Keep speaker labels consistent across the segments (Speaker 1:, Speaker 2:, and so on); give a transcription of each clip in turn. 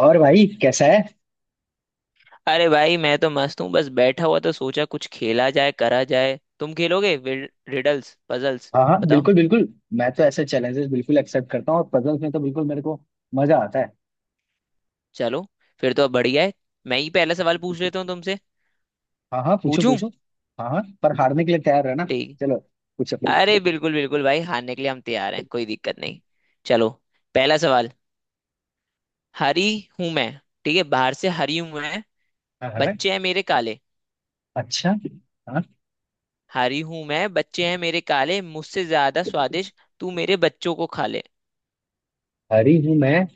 Speaker 1: और भाई कैसा है।
Speaker 2: अरे भाई मैं तो मस्त हूँ। बस बैठा हुआ तो सोचा कुछ खेला जाए, करा जाए। तुम खेलोगे रिडल्स, पजल्स?
Speaker 1: हाँ हाँ
Speaker 2: बताओ।
Speaker 1: बिल्कुल बिल्कुल। मैं तो ऐसे चैलेंजेस बिल्कुल एक्सेप्ट करता हूँ और पजल्स में तो बिल्कुल मेरे को मजा आता है।
Speaker 2: चलो, फिर तो अब बढ़िया है। मैं ही पहला सवाल पूछ लेता हूँ तुमसे।
Speaker 1: हाँ हाँ पूछो
Speaker 2: पूछूं?
Speaker 1: पूछो। हाँ हाँ पर हारने के लिए तैयार रहना।
Speaker 2: ठीक।
Speaker 1: चलो, पूछो।
Speaker 2: अरे बिल्कुल बिल्कुल भाई, हारने के लिए हम तैयार हैं, कोई दिक्कत नहीं। चलो, पहला सवाल। हरी हूं मैं। ठीक है, बाहर से हरी हूं मैं,
Speaker 1: हाँ हाँ हाँ।
Speaker 2: बच्चे हैं मेरे काले।
Speaker 1: अच्छा। हाँ,
Speaker 2: हरी हूं मैं, बच्चे हैं मेरे काले, मुझसे ज्यादा स्वादिष्ट, तू मेरे बच्चों को खा ले।
Speaker 1: हरी हूँ मैं,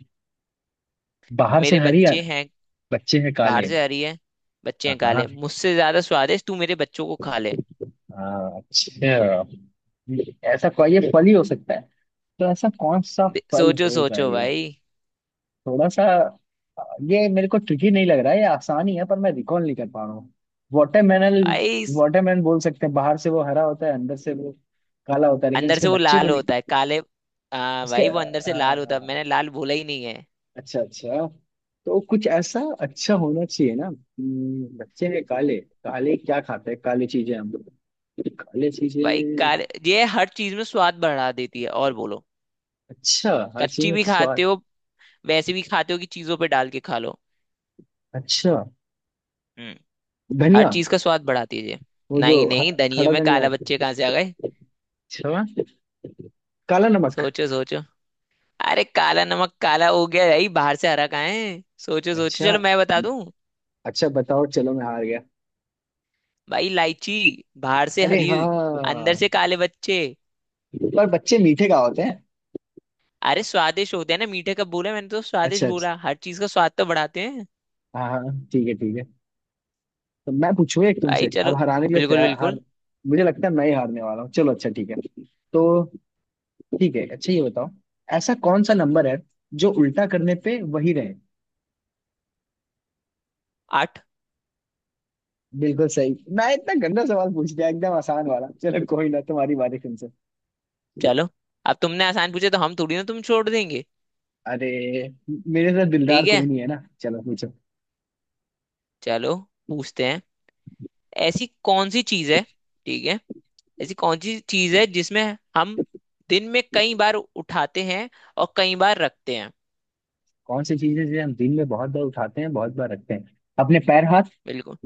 Speaker 1: बाहर से
Speaker 2: मेरे
Speaker 1: हरी
Speaker 2: बच्चे
Speaker 1: यार,
Speaker 2: हैं,
Speaker 1: बच्चे हैं
Speaker 2: बाहर
Speaker 1: काले।
Speaker 2: से आ रही है। बच्चे
Speaker 1: हाँ
Speaker 2: हैं
Speaker 1: हाँ
Speaker 2: काले, मुझसे ज्यादा स्वादिष्ट, तू मेरे बच्चों को खा ले।
Speaker 1: हाँ, अच्छा। ऐसा कोई ये फल ही हो सकता है। तो ऐसा कौन सा फल
Speaker 2: सोचो
Speaker 1: होगा
Speaker 2: सोचो
Speaker 1: ये।
Speaker 2: भाई।
Speaker 1: थोड़ा सा। अ, ये मेरे को ट्रिकी नहीं लग रहा है, ये आसान ही है, पर मैं रिकॉल नहीं कर पा रहा हूँ। वाटरमेलन।
Speaker 2: भाई स-
Speaker 1: वाटरमेलन बोल सकते हैं, बाहर से वो हरा होता है, अंदर से वो काला होता है, लेकिन
Speaker 2: अंदर
Speaker 1: उसके
Speaker 2: से वो
Speaker 1: बच्चे को
Speaker 2: लाल
Speaker 1: नहीं।
Speaker 2: होता है काले। हाँ
Speaker 1: उसके
Speaker 2: भाई वो अंदर से लाल होता है,
Speaker 1: अ,
Speaker 2: मैंने लाल बोला ही नहीं है।
Speaker 1: अच्छा अच्छा। तो कुछ ऐसा अच्छा होना चाहिए ना। बच्चे हैं काले। काले क्या खाते हैं, काली चीजें हम लोग। काले
Speaker 2: भाई
Speaker 1: चीजें।
Speaker 2: काले ये हर चीज में स्वाद बढ़ा देती है। और बोलो।
Speaker 1: अच्छा, हर चीज
Speaker 2: कच्ची
Speaker 1: में
Speaker 2: भी खाते
Speaker 1: स्वाद।
Speaker 2: हो, वैसे भी खाते हो कि चीजों पे डाल के खा लो।
Speaker 1: अच्छा।
Speaker 2: हम्म। हर
Speaker 1: धनिया।
Speaker 2: चीज का स्वाद बढ़ाती है ये।
Speaker 1: वो जो
Speaker 2: नहीं
Speaker 1: ह-
Speaker 2: नहीं धनिये
Speaker 1: खड़ा
Speaker 2: में
Speaker 1: धनिया
Speaker 2: काला
Speaker 1: होता
Speaker 2: बच्चे
Speaker 1: है।
Speaker 2: कहाँ से आ गए।
Speaker 1: अच्छा। काला नमक।
Speaker 2: सोचो सोचो। अरे काला नमक काला हो गया भाई, बाहर से हरा कहाँ है। सोचो सोचो,
Speaker 1: अच्छा,
Speaker 2: चलो मैं बता दूं।
Speaker 1: अच्छा बताओ, चलो मैं हार गया।
Speaker 2: भाई इलायची। बाहर से
Speaker 1: अरे
Speaker 2: हरी,
Speaker 1: हाँ,
Speaker 2: अंदर से काले बच्चे।
Speaker 1: पर बच्चे मीठे का होते हैं।
Speaker 2: अरे स्वादिष्ट होते हैं ना, मीठे कब बोला मैंने? तो
Speaker 1: अच्छा
Speaker 2: स्वादिष्ट
Speaker 1: अच्छा।
Speaker 2: बोला, हर चीज का स्वाद तो बढ़ाते हैं।
Speaker 1: हाँ हाँ ठीक है ठीक है। तो मैं पूछूं एक तुमसे,
Speaker 2: भाई चलो,
Speaker 1: अब हराने के लिए
Speaker 2: बिल्कुल
Speaker 1: तैयार हार।
Speaker 2: बिल्कुल
Speaker 1: मुझे लगता है मैं ही हारने वाला हूँ, चलो अच्छा ठीक है। तो ठीक है, अच्छा ये बताओ। ऐसा कौन सा नंबर है जो उल्टा करने पे वही रहे।
Speaker 2: आठ।
Speaker 1: बिल्कुल सही, मैं इतना गंदा सवाल पूछ लिया एकदम आसान वाला। चलो कोई ना, तुम्हारी बारी, तुमसे।
Speaker 2: चलो, अब तुमने आसान पूछे तो हम थोड़ी ना तुम छोड़ देंगे।
Speaker 1: अरे, मेरे साथ दिलदार
Speaker 2: ठीक है,
Speaker 1: कोई नहीं है ना। चलो पूछो।
Speaker 2: चलो पूछते हैं। ऐसी कौन सी चीज है? ठीक है, ऐसी कौन सी चीज है जिसमें हम दिन में कई बार उठाते हैं और कई बार रखते हैं?
Speaker 1: कौन सी चीज है जिसे हम दिन में बहुत बार उठाते हैं, बहुत बार रखते हैं। अपने पैर, हाथ।
Speaker 2: बिल्कुल।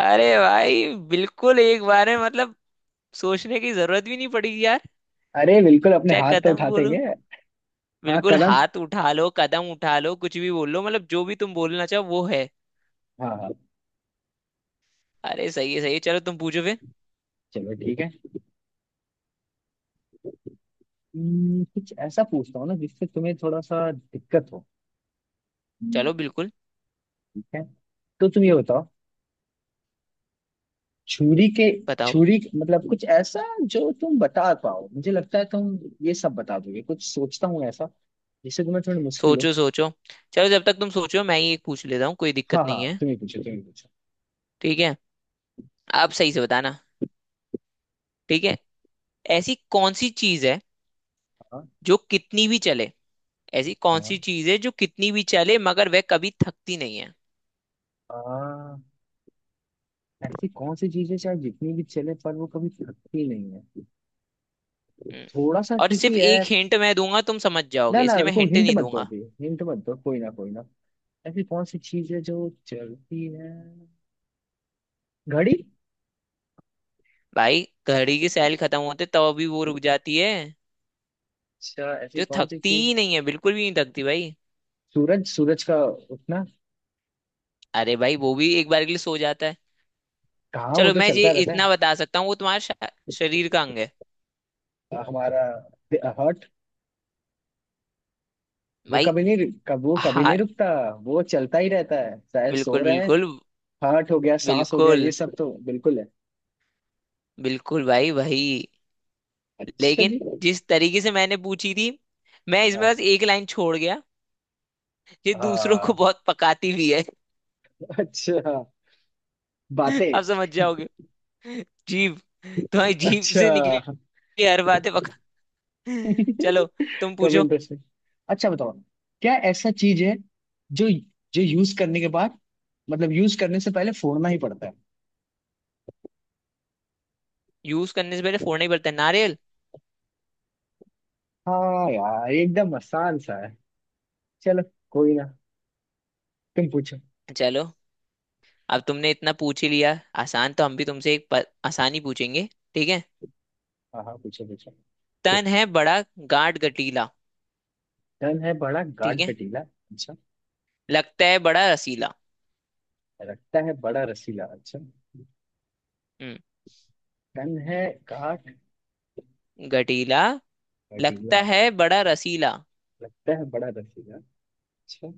Speaker 2: अरे भाई बिल्कुल एक बार है मतलब, सोचने की जरूरत भी नहीं पड़ी यार।
Speaker 1: अरे बिल्कुल अपने
Speaker 2: चाहे
Speaker 1: हाथ तो
Speaker 2: कदम
Speaker 1: उठा
Speaker 2: बोलो,
Speaker 1: देंगे। हाँ
Speaker 2: बिल्कुल
Speaker 1: कदम।
Speaker 2: हाथ उठा लो, कदम उठा लो, कुछ भी बोल लो, मतलब जो भी तुम बोलना चाहो वो है।
Speaker 1: हाँ हाँ
Speaker 2: अरे सही है सही है, चलो तुम पूछो फिर।
Speaker 1: चलो ठीक है। कुछ ऐसा पूछता हूँ ना जिससे तुम्हें थोड़ा सा दिक्कत हो। हम्म।
Speaker 2: चलो बिल्कुल।
Speaker 1: ठीक है, तो तुम ये बताओ। छुरी के,
Speaker 2: बताओ।
Speaker 1: छुरी मतलब कुछ ऐसा जो तुम बता पाओ। मुझे लगता है तुम ये सब बता दोगे, कुछ सोचता हूँ ऐसा जिससे तुम्हें थोड़ी मुश्किल हो।
Speaker 2: सोचो सोचो। चलो, जब तक तुम सोचो मैं ही एक पूछ लेता हूँ, कोई
Speaker 1: हाँ
Speaker 2: दिक्कत
Speaker 1: हाँ
Speaker 2: नहीं है।
Speaker 1: तुम ही पूछो तुम ही पूछो।
Speaker 2: ठीक है, आप सही से बताना। ठीक है, ऐसी कौन सी चीज है
Speaker 1: हाँ
Speaker 2: जो कितनी भी चले। ऐसी कौन सी
Speaker 1: हाँ
Speaker 2: चीज है जो कितनी भी चले मगर वह कभी थकती नहीं है?
Speaker 1: हाँ ऐसी कौन सी चीज है शायद जितनी भी चले पर वो कभी थकती नहीं है।
Speaker 2: हम्म।
Speaker 1: थोड़ा सा
Speaker 2: और
Speaker 1: ट्रिकी
Speaker 2: सिर्फ
Speaker 1: है।
Speaker 2: एक हिंट मैं दूंगा तुम समझ
Speaker 1: ना
Speaker 2: जाओगे,
Speaker 1: ना,
Speaker 2: इसलिए मैं
Speaker 1: रुको,
Speaker 2: हिंट
Speaker 1: हिंट
Speaker 2: नहीं
Speaker 1: मत दो,
Speaker 2: दूंगा।
Speaker 1: अभी हिंट मत दो, कोई ना कोई ना। ऐसी कौन सी चीज है जो चलती है। घड़ी।
Speaker 2: भाई घड़ी की सैल खत्म होते तब भी वो रुक जाती है।
Speaker 1: अच्छा, ऐसी
Speaker 2: जो
Speaker 1: कौन सी
Speaker 2: थकती
Speaker 1: चीज है।
Speaker 2: ही नहीं है, बिल्कुल भी नहीं थकती भाई।
Speaker 1: सूरज, सूरज का उठना।
Speaker 2: अरे भाई वो भी एक बार के लिए सो जाता है।
Speaker 1: कहाँ, वो
Speaker 2: चलो
Speaker 1: तो
Speaker 2: मैं ये
Speaker 1: चलता रहता
Speaker 2: इतना बता सकता हूँ, वो शरीर का अंग है।
Speaker 1: है हमारा। हार्ट। वो
Speaker 2: भाई
Speaker 1: कभी नहीं, कब वो कभी
Speaker 2: हाँ।
Speaker 1: नहीं रुकता, वो चलता ही रहता है, शायद सो
Speaker 2: बिल्कुल
Speaker 1: रहा है।
Speaker 2: बिल्कुल
Speaker 1: हार्ट हो गया, सांस हो गया, ये
Speaker 2: बिल्कुल।
Speaker 1: सब तो बिल्कुल है।
Speaker 2: बिल्कुल भाई भाई।
Speaker 1: अच्छा
Speaker 2: लेकिन
Speaker 1: जी।
Speaker 2: जिस तरीके से मैंने पूछी थी, मैं इसमें
Speaker 1: हाँ,
Speaker 2: बस एक लाइन छोड़ गया। ये दूसरों को
Speaker 1: हाँ,
Speaker 2: बहुत पकाती भी है।
Speaker 1: अच्छा। बातें।
Speaker 2: आप समझ जाओगे। जीभ। तुम्हारी जीभ से
Speaker 1: अच्छा।
Speaker 2: निकली हर बातें पका। चलो तुम
Speaker 1: कभी
Speaker 2: पूछो।
Speaker 1: इंटरेस्टिंग। अच्छा बताओ। क्या ऐसा चीज है जो जो यूज करने के बाद, मतलब यूज करने से पहले फोड़ना ही पड़ता है।
Speaker 2: यूज करने से पहले फोड़ना ही पड़ता है? नारियल।
Speaker 1: हाँ यार, एकदम आसान सा है। चलो, कोई ना, तुम पूछो।
Speaker 2: चलो अब तुमने इतना पूछ ही लिया, आसान तो हम भी तुमसे आसान ही पूछेंगे। ठीक है।
Speaker 1: हाँ हाँ पूछो पूछो।
Speaker 2: तन है बड़ा, गाढ़ गठीला।
Speaker 1: तन है बड़ा गाढ़
Speaker 2: ठीक है।
Speaker 1: कटीला, अच्छा।
Speaker 2: लगता है बड़ा रसीला।
Speaker 1: लगता है बड़ा रसीला, अच्छा।
Speaker 2: हम्म।
Speaker 1: तन है गाढ़
Speaker 2: गठीला,
Speaker 1: कटीला,
Speaker 2: लगता है बड़ा रसीला।
Speaker 1: लगता है बड़ा रसीला, अच्छा।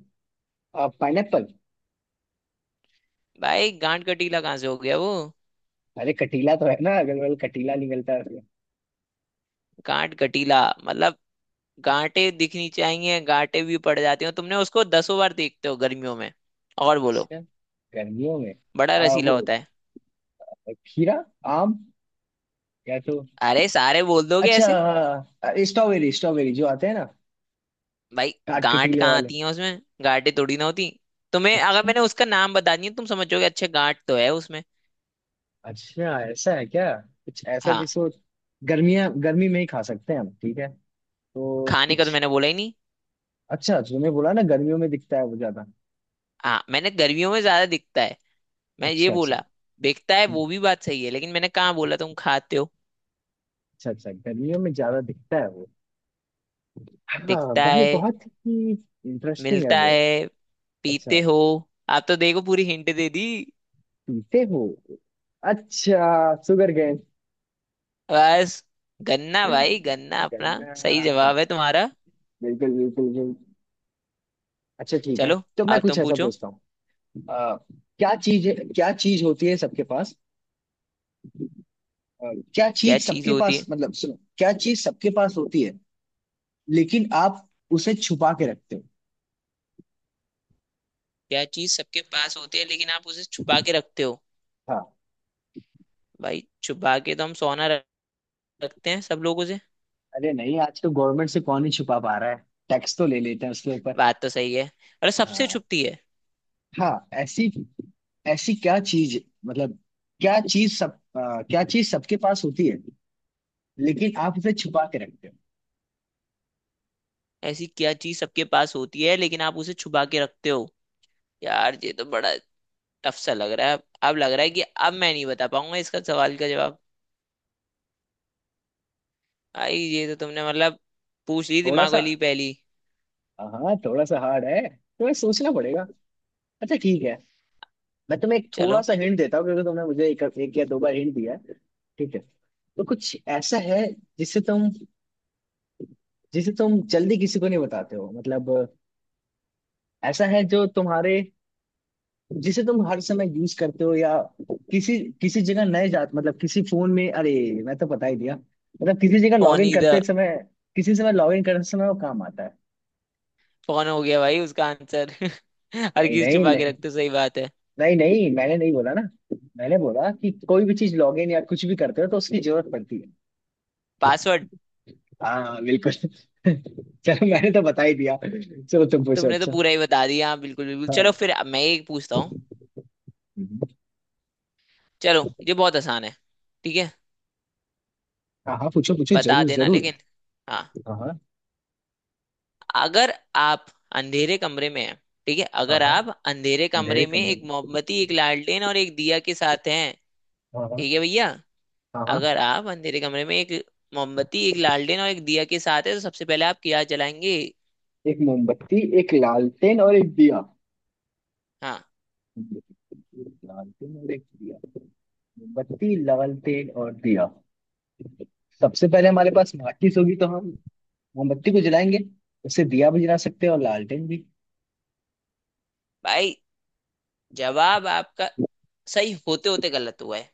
Speaker 1: पाइनएप्पल।
Speaker 2: भाई गांठ गठीला कहाँ से हो गया वो?
Speaker 1: अरे कटीला तो है ना, अगल बगल कटीला निकलता है।
Speaker 2: गांठ गठीला मतलब गांठे दिखनी चाहिए, गांठे भी पड़ जाती हो, तुमने उसको दसों बार देखते हो गर्मियों में। और बोलो।
Speaker 1: अच्छा, गर्मियों में।
Speaker 2: बड़ा
Speaker 1: आ,
Speaker 2: रसीला
Speaker 1: वो
Speaker 2: होता है।
Speaker 1: खीरा, आम, या तो।
Speaker 2: अरे सारे बोल दोगे
Speaker 1: अच्छा,
Speaker 2: ऐसे।
Speaker 1: हाँ, स्ट्रॉबेरी, स्ट्रॉबेरी जो आते हैं ना,
Speaker 2: भाई
Speaker 1: काट के
Speaker 2: गांठ
Speaker 1: टीले
Speaker 2: कहाँ
Speaker 1: वाले।
Speaker 2: आती है उसमें, गांठें थोड़ी ना होती। तुम्हें अगर
Speaker 1: अच्छा।
Speaker 2: मैंने उसका नाम बता दिया तुम समझोगे अच्छा गांठ तो है उसमें।
Speaker 1: अच्छा, ऐसा है क्या, कुछ ऐसा
Speaker 2: हाँ।
Speaker 1: जिसको गर्मियां गर्मी में ही खा सकते हैं हम, ठीक है। तो
Speaker 2: खाने का तो
Speaker 1: कुछ,
Speaker 2: मैंने बोला ही नहीं।
Speaker 1: अच्छा तुमने बोला ना गर्मियों में दिखता है वो ज्यादा।
Speaker 2: हाँ मैंने गर्मियों में ज्यादा दिखता है, मैं ये
Speaker 1: अच्छा अच्छा।
Speaker 2: बोला। दिखता है वो भी, बात सही है, लेकिन मैंने कहाँ बोला तुम खाते हो।
Speaker 1: अच्छा अच्छा, गर्मियों में ज्यादा दिखता है वो। हाँ
Speaker 2: दिखता
Speaker 1: भाई,
Speaker 2: है,
Speaker 1: बहुत ही इंटरेस्टिंग है
Speaker 2: मिलता
Speaker 1: वो।
Speaker 2: है,
Speaker 1: अच्छा।
Speaker 2: पीते हो। आप तो देखो पूरी हिंट दे दी।
Speaker 1: पीते हो। अच्छा, शुगर गेन।
Speaker 2: बस। गन्ना भाई गन्ना अपना।
Speaker 1: गन्ना।
Speaker 2: सही जवाब है तुम्हारा।
Speaker 1: बिल्कुल बिल्कुल बिल्कुल। अच्छा ठीक है,
Speaker 2: चलो
Speaker 1: तो मैं
Speaker 2: अब
Speaker 1: कुछ
Speaker 2: तुम
Speaker 1: ऐसा
Speaker 2: पूछो।
Speaker 1: पूछता हूँ। आ, क्या चीज, क्या चीज होती है सबके पास। क्या
Speaker 2: क्या
Speaker 1: चीज
Speaker 2: चीज
Speaker 1: सबके
Speaker 2: होती
Speaker 1: पास,
Speaker 2: है?
Speaker 1: मतलब सुनो, क्या चीज सबके पास होती है लेकिन आप उसे छुपा के रखते हो।
Speaker 2: क्या चीज सबके पास होती है लेकिन आप उसे छुपा के रखते हो?
Speaker 1: हाँ।
Speaker 2: भाई छुपा के तो हम रखते हैं सब लोगों से।
Speaker 1: अरे नहीं, आज तो गवर्नमेंट से कौन ही छुपा पा रहा है, टैक्स तो ले लेते हैं उसके ऊपर।
Speaker 2: बात तो सही है। अरे सबसे
Speaker 1: हाँ
Speaker 2: छुपती है।
Speaker 1: हाँ ऐसी, ऐसी क्या चीज, मतलब क्या चीज सब, क्या चीज सबके पास होती है लेकिन आप उसे छुपा के रखते हो।
Speaker 2: ऐसी क्या चीज सबके पास होती है लेकिन आप उसे छुपा के रखते हो? यार ये तो बड़ा टफ सा लग रहा है। अब लग रहा है कि अब मैं नहीं बता पाऊंगा इसका सवाल का जवाब। भाई ये तो तुमने मतलब पूछ ली
Speaker 1: थोड़ा
Speaker 2: दिमाग
Speaker 1: सा।
Speaker 2: वाली पहली।
Speaker 1: हाँ थोड़ा सा हार्ड है तो सोचना पड़ेगा। अच्छा ठीक है, मैं तुम्हें एक थोड़ा
Speaker 2: चलो,
Speaker 1: सा हिंट देता हूँ, क्योंकि तुमने मुझे एक या दो बार हिंट दिया है। ठीक है, तो कुछ ऐसा है जिसे तुम, जिसे तुम जल्दी किसी को नहीं बताते हो, मतलब ऐसा है जो तुम्हारे, जिसे तुम हर समय यूज करते हो या किसी किसी जगह, नए जात मतलब किसी फोन में, अरे मैं तो बता ही दिया, मतलब किसी जगह लॉग
Speaker 2: फोन
Speaker 1: इन
Speaker 2: ही था।
Speaker 1: करते समय, किसी समय लॉग इन करते समय वो काम आता है।
Speaker 2: फोन हो गया भाई उसका आंसर। हर
Speaker 1: नहीं
Speaker 2: चीज
Speaker 1: नहीं
Speaker 2: छुपा के
Speaker 1: नहीं
Speaker 2: रखते हो, सही बात है।
Speaker 1: नहीं नहीं मैंने नहीं बोला ना, मैंने बोला कि कोई भी चीज लॉग इन या कुछ भी करते हो तो उसकी जरूरत पड़ती है।
Speaker 2: पासवर्ड।
Speaker 1: हाँ बिल्कुल। चलो मैंने तो बता ही दिया, चलो तुम पूछो।
Speaker 2: तुमने तो
Speaker 1: अच्छा,
Speaker 2: पूरा ही बता दिया। हाँ, बिल्कुल बिल्कुल। चलो
Speaker 1: हाँ।
Speaker 2: फिर अब मैं एक पूछता हूँ।
Speaker 1: हम्म।
Speaker 2: चलो ये बहुत आसान है। ठीक है,
Speaker 1: हाँ, पूछो पूछो
Speaker 2: बता
Speaker 1: जरूर
Speaker 2: देना
Speaker 1: जरूर।
Speaker 2: लेकिन। हाँ।
Speaker 1: हाँ हाँ
Speaker 2: अगर आप अंधेरे कमरे में हैं, ठीक है,
Speaker 1: हाँ
Speaker 2: अगर
Speaker 1: हाँ,
Speaker 2: आप अंधेरे कमरे
Speaker 1: अंधेरे
Speaker 2: में
Speaker 1: कमरे
Speaker 2: एक
Speaker 1: में।
Speaker 2: मोमबत्ती, एक लालटेन और एक दिया के साथ हैं,
Speaker 1: हाँ हाँ
Speaker 2: ठीक है भैया,
Speaker 1: हाँ हाँ
Speaker 2: अगर आप अंधेरे कमरे में एक मोमबत्ती, एक लालटेन और एक दिया के साथ है तो सबसे पहले आप क्या जलाएंगे?
Speaker 1: एक मोमबत्ती, एक लालटेन और एक दिया,
Speaker 2: हाँ।
Speaker 1: एक लालटेन और एक दिया, मोमबत्ती लालटेन और दिया। सबसे पहले हमारे पास माचिस होगी, तो हम मोमबत्ती को जलाएंगे, उससे दिया भी जला सकते हैं और लालटेन भी।
Speaker 2: भाई जवाब आपका सही होते होते गलत हुआ है।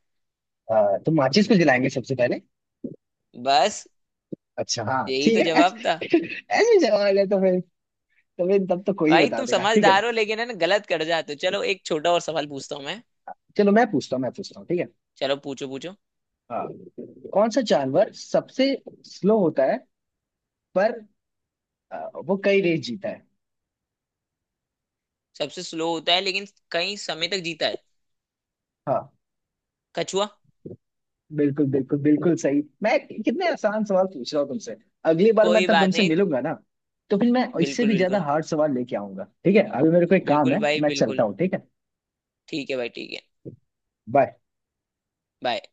Speaker 1: तो माचिस को जलाएंगे सबसे पहले।
Speaker 2: बस,
Speaker 1: अच्छा हाँ
Speaker 2: यही
Speaker 1: ठीक
Speaker 2: तो
Speaker 1: है।
Speaker 2: जवाब था।
Speaker 1: ऐसे सवाल है तो फिर, तो फिर तब तो कोई
Speaker 2: भाई
Speaker 1: बता
Speaker 2: तुम
Speaker 1: देगा, ठीक है।
Speaker 2: समझदार हो लेकिन है ना, गलत कर जाते हो। चलो एक छोटा और सवाल पूछता हूँ मैं।
Speaker 1: चलो मैं पूछता हूँ, मैं पूछता हूँ, ठीक है।
Speaker 2: चलो पूछो पूछो।
Speaker 1: हाँ, कौन सा जानवर सबसे स्लो होता है पर वो कई रेस जीता है।
Speaker 2: सबसे स्लो होता है लेकिन कई समय तक जीता है?
Speaker 1: हाँ
Speaker 2: कछुआ।
Speaker 1: बिल्कुल, बिल्कुल बिल्कुल सही, मैं कितने आसान सवाल पूछ रहा हूँ तुमसे। अगली बार मैं
Speaker 2: कोई
Speaker 1: तब
Speaker 2: बात
Speaker 1: तुमसे
Speaker 2: नहीं।
Speaker 1: मिलूंगा ना, तो फिर मैं इससे
Speaker 2: बिल्कुल
Speaker 1: भी ज्यादा
Speaker 2: बिल्कुल
Speaker 1: हार्ड सवाल लेके आऊंगा, ठीक है। अभी मेरे को एक काम
Speaker 2: बिल्कुल।
Speaker 1: है,
Speaker 2: भाई
Speaker 1: मैं चलता
Speaker 2: बिल्कुल।
Speaker 1: हूँ, ठीक है।
Speaker 2: ठीक है भाई ठीक है।
Speaker 1: बाय।
Speaker 2: बाय।